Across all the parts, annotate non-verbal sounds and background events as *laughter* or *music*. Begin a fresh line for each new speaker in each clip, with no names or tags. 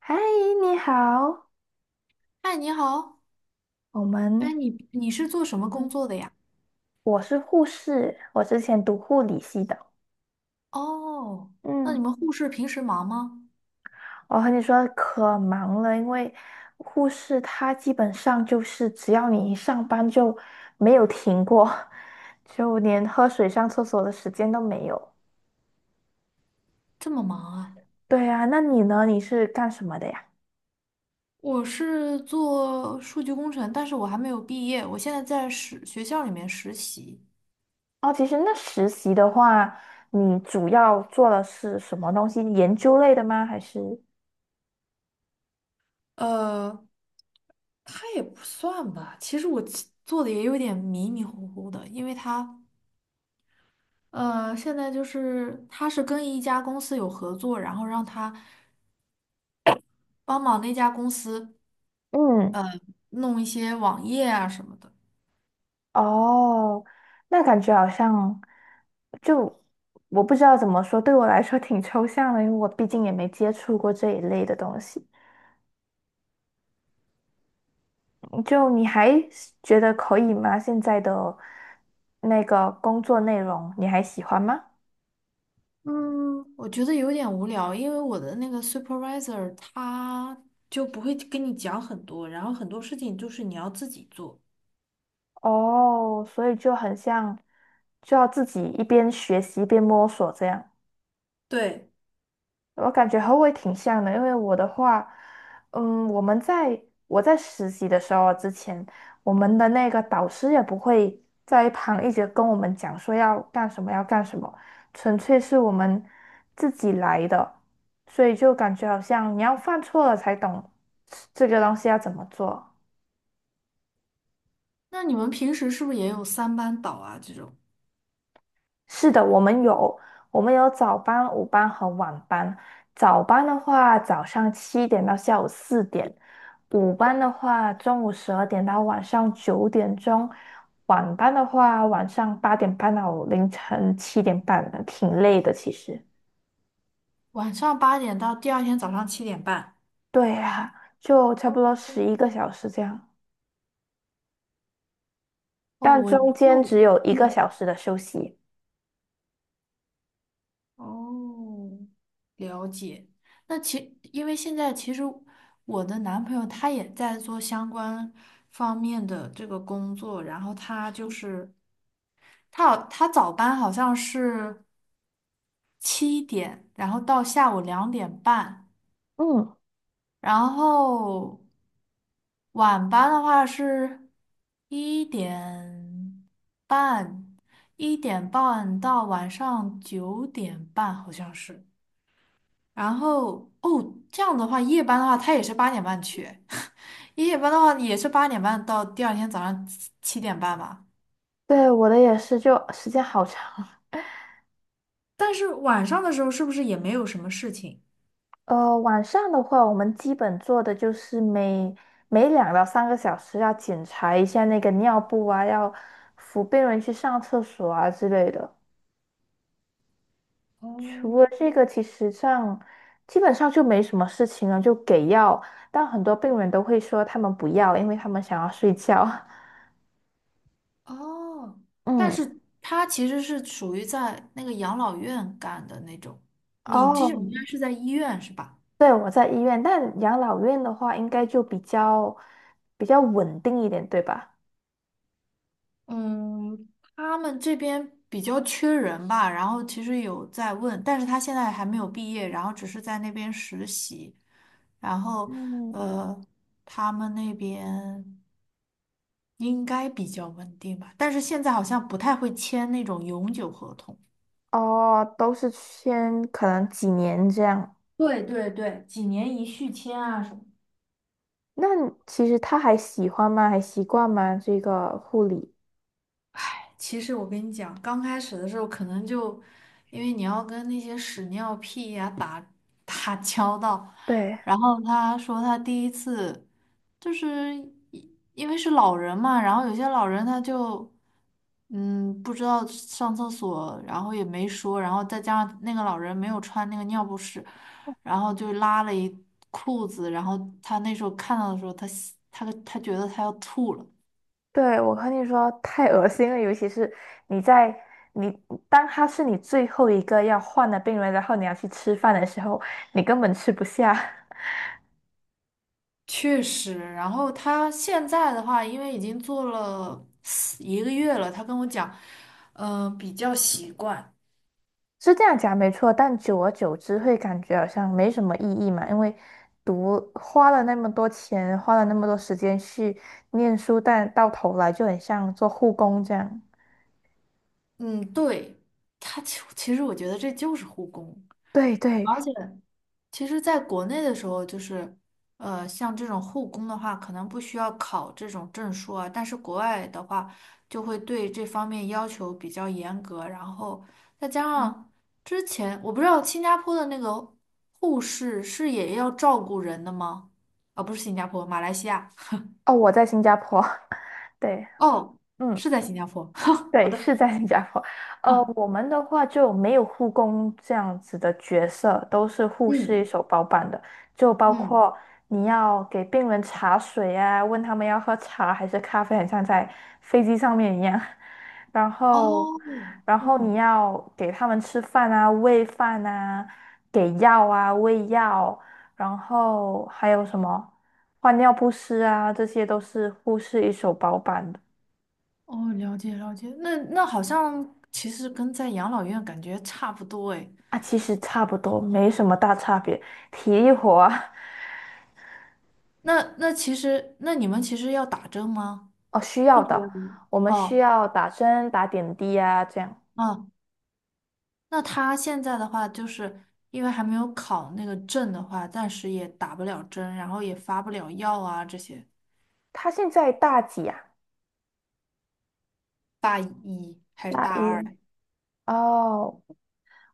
嗨，你好，
嗨，你好，
我
哎，
们，
你是做什么工
嗯，
作的呀？
我是护士，我之前读护理系的。
哦，那你
嗯，
们护士平时忙吗？
我和你说可忙了，因为护士她基本上就是只要你一上班就没有停过，*laughs* 就连喝水上厕所的时间都没有。
这么忙啊？
对啊，那你呢？你是干什么的呀？
我是做数据工程，但是我还没有毕业，我现在在实学校里面实习。
哦，其实那实习的话，你主要做的是什么东西？研究类的吗？还是？
呃，他也不算吧，其实我其做的也有点迷迷糊糊的，因为他现在就是他是跟一家公司有合作，然后让他帮忙那家公司
嗯。
弄一些网页啊什么的。
哦，那感觉好像就我不知道怎么说，对我来说挺抽象的，因为我毕竟也没接触过这一类的东西。嗯就你还是觉得可以吗？现在的那个工作内容你还喜欢吗？
嗯，我觉得有点无聊，因为我的那个 supervisor 他就不会跟你讲很多，然后很多事情就是你要自己做。
哦，所以就很像，就要自己一边学习一边摸索这样。
对，
我感觉和我也挺像的，因为我的话，嗯，我们在我在实习的时候之前，我们的那个导师也不会在一旁一直跟我们讲说要干什么要干什么，纯粹是我们自己来的，所以就感觉好像你要犯错了才懂这个东西要怎么做。
那你们平时是不是也有三班倒啊？这种
是的，我们有早班、午班和晚班。早班的话，早上7点到下午4点；午班的话，中午12点到晚上9点钟；晚班的话，晚上8点半到凌晨7点半的挺累的其实。
晚上八点到第二天早上7点半。
对呀，就差
哦，
不多11个小时这样，
哦，
但
我
中
那
间
我
只有一个小
嗯，
时的休息。
哦，了解。那其因为现在其实我的男朋友他也在做相关方面的这个工作，然后他就是。他好，他早班好像是七点，然后到下午2点半，
嗯，
然后晚班的话是一点半，1点半到晚上9点半好像是。然后哦，这样的话，夜班的话，他也是八点半去，*laughs* 夜班的话也是八点半到第二天早上七点半吧。
对，我的也是，就时间好长。
但是晚上的时候是不是也没有什么事情？
晚上的话，我们基本做的就是每2到3个小时要检查一下那个尿布啊，要扶病人去上厕所啊之类的。除了
哦，
这个，其实上基本上就没什么事情了，就给药。但很多病人都会说他们不要，因为他们想要睡觉。*laughs*
哦，但
嗯，
是他其实是属于在那个养老院干的那种，你这种应该
哦，
是在医院是吧？
对，我在医院，但养老院的话，应该就比较稳定一点，对吧？
嗯，他们这边比较缺人吧，然后其实有在问，但是他现在还没有毕业，然后只是在那边实习，然后
嗯。
呃，他们那边应该比较稳定吧，但是现在好像不太会签那种永久合同。
哦，都是先可能几年这样。
对对对，几年一续签啊什么。
那其实他还喜欢吗？还习惯吗？这个护理？
其实我跟你讲，刚开始的时候可能就，因为你要跟那些屎尿屁呀、打交道，
对，
然后他说他第一次就是一因为是老人嘛，然后有些老人他就嗯不知道上厕所，然后也没说，然后再加上那个老人没有穿那个尿不湿，然后就拉了一裤子，然后他那时候看到的时候，他觉得他要吐了。
对，我和你说，太恶心了，尤其是你在你当他是你最后一个要换的病人，然后你要去吃饭的时候，你根本吃不下。*laughs*
确实，然后他现在的话，因为已经做了4一个月了，他跟我讲，嗯、比较习惯。
是这样讲没错，但久而久之会感觉好像没什么意义嘛，因为花了那么多钱，花了那么多时间去念书，但到头来就很像做护工这样。
嗯，对，他其实我觉得这就是护工，
对对，
而且。其实，在国内的时候，就是，像这种护工的话，可能不需要考这种证书啊。但是国外的话，就会对这方面要求比较严格。然后再加
嗯，
上之前，我不知道新加坡的那个护士是也要照顾人的吗？啊、不是新加坡，马来西亚。
哦，我在新加坡，*laughs* 对，
哦，
嗯，
是在新加坡。*laughs* 好
对，
的。
是在新加坡。
啊，
我们的话就没有护工这样子的角色，都是护士一
嗯
手包办的，就包
嗯，
括你要给病人茶水啊，问他们要喝茶还是咖啡，很像在飞机上面一样。*laughs* 然后，
哦，
你
嗯。
要给他们吃饭啊，喂饭啊，给药啊，喂药，然后还有什么换尿不湿啊，这些都是护士一手包办的。
哦，了解了解，那那好像其实跟在养老院感觉差不多哎。
啊，其实差不多，没什么大差别。体力活啊，
那那其实那你们其实要打针吗？
哦，需
护
要
士要
的，
打
我们需
哦
要打针、打点滴啊，这样。
哦，啊那他现在的话，就是因为还没有考那个证的话，暂时也打不了针，然后也发不了药啊这些。
他现在大几啊？
大一还是
大
大二
一，
来？
哦，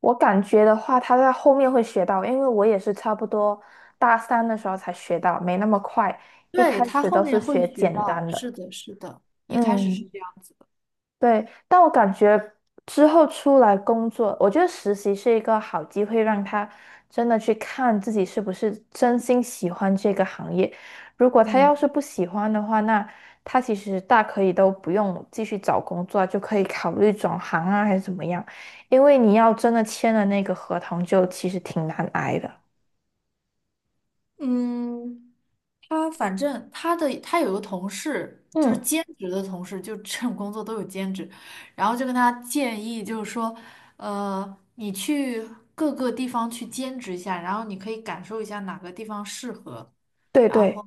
我感觉的话，他在后面会学到，因为我也是差不多大三的时候才学到，没那么快，一
对，
开
他
始
后
都是
面会
学
学
简
到，
单
是
的。
的，是的，一开始是
嗯。
这样子的。
对，但我感觉之后出来工作，我觉得实习是一个好机会，让他真的去看自己是不是真心喜欢这个行业。如果他
嗯。
要是不喜欢的话，那他其实大可以都不用继续找工作啊就可以考虑转行啊，还是怎么样？因为你要真的签了那个合同，就其实挺难挨的。
嗯，他反正他的他有个同事，就是
嗯，
兼职的同事，就 *laughs* 这种工作都有兼职，然后就跟他建议，就是说，你去各个地方去兼职一下，然后你可以感受一下哪个地方适合，
对
然后，
对。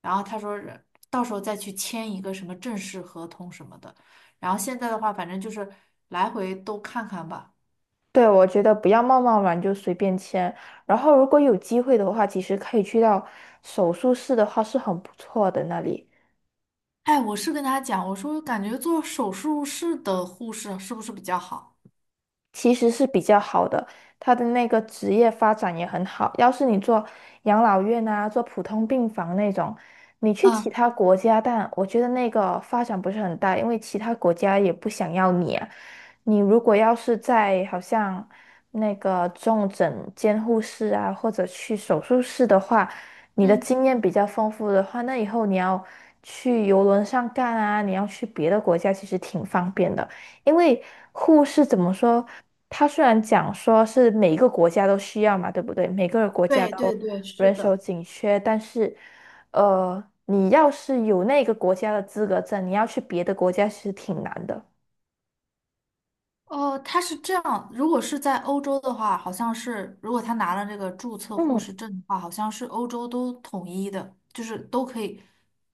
然后他说是到时候再去签一个什么正式合同什么的，然后现在的话，反正就是来回都看看吧。
对，我觉得不要贸贸然就随便签。然后，如果有机会的话，其实可以去到手术室的话是很不错的那里。
哎，我是跟他讲，我说感觉做手术室的护士是不是比较好？
其实是比较好的，他的那个职业发展也很好。要是你做养老院啊，做普通病房那种，你去其
嗯。
他国家，但我觉得那个发展不是很大，因为其他国家也不想要你啊。你如果要是在好像那个重症监护室啊，或者去手术室的话，你的
嗯。
经验比较丰富的话，那以后你要去游轮上干啊，你要去别的国家，其实挺方便的。因为护士怎么说？他虽然讲说是每一个国家都需要嘛，对不对？每个国家
对
都
对对，是
人手
的，
紧缺，但是，你要是有那个国家的资格证，你要去别的国家其实挺难的。
哦，他是这样，如果是在欧洲的话，好像是如果他拿了这个注册护
嗯。
士证的话，好像是欧洲都统一的，就是都可以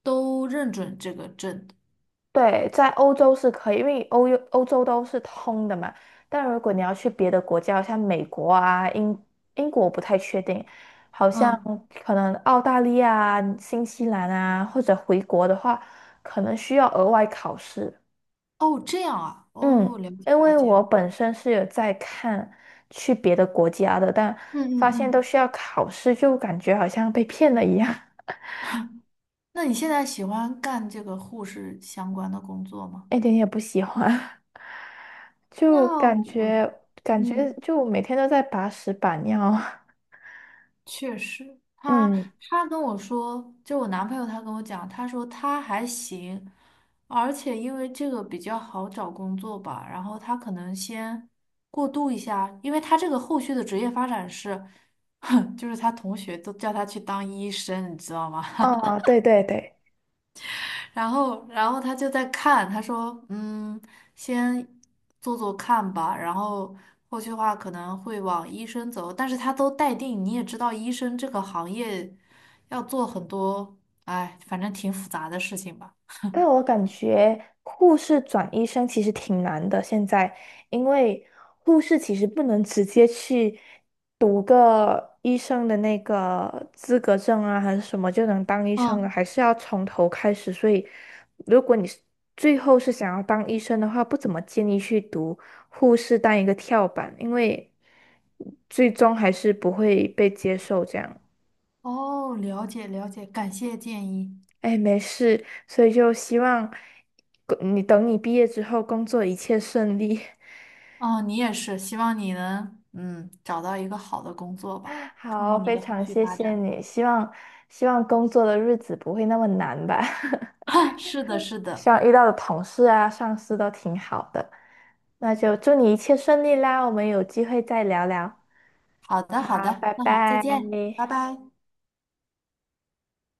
都认准这个证。
对，在欧洲是可以，因为欧洲都是通的嘛。但如果你要去别的国家，像美国啊、英国，不太确定，好像
嗯，
可能澳大利亚啊、新西兰啊，或者回国的话，可能需要额外考试。
哦，这样啊，哦，
嗯，
了解
因
了
为
解。
我本身是有在看去别的国家的，但
嗯嗯
发现都
嗯，
需要考试，就感觉好像被骗了一样，
那你现在喜欢干这个护士相关的工作
*laughs*
吗？
一点也不喜欢。就
那
感
我，
觉感觉
嗯。
就每天都在把屎把尿啊。
确实，
*laughs*
他
嗯，
他跟我说，就我男朋友他跟我讲，他说他还行，而且因为这个比较好找工作吧，然后他可能先过渡一下，因为他这个后续的职业发展是，*laughs* 哼，就是他同学都叫他去当医生，你知道吗？
哦，对对对，
然后，然后他就在看，他说：“嗯，先做做看吧，然后后续话可能会往医生走。但是他都待定，你也知道，医生这个行业要做很多，哎，反正挺复杂的事情吧。”
但我感觉护士转医生其实挺难的，现在，因为护士其实不能直接去读个医生的那个资格证啊，还是什么就能当医生了，
嗯
还是要从头开始。所以，如果你是最后是想要当医生的话，不怎么建议去读护士当一个跳板，因为最终还是不会被接受这样。
哦，了解了解，感谢建议。
哎，没事，所以就希望你等你毕业之后工作一切顺利。
哦，你也是，希望你能嗯找到一个好的工作吧，
*laughs*
看
好，
看你
非
的后
常
续
谢
发
谢
展。
你，希望工作的日子不会那么难吧，
*laughs* 是的，
*laughs*
是的，
希望遇到的同事啊、上司都挺好的。那就祝你一切顺利啦，我们有机会再聊聊。
好的好
好，
的，
拜
那好，再
拜。
见，拜拜。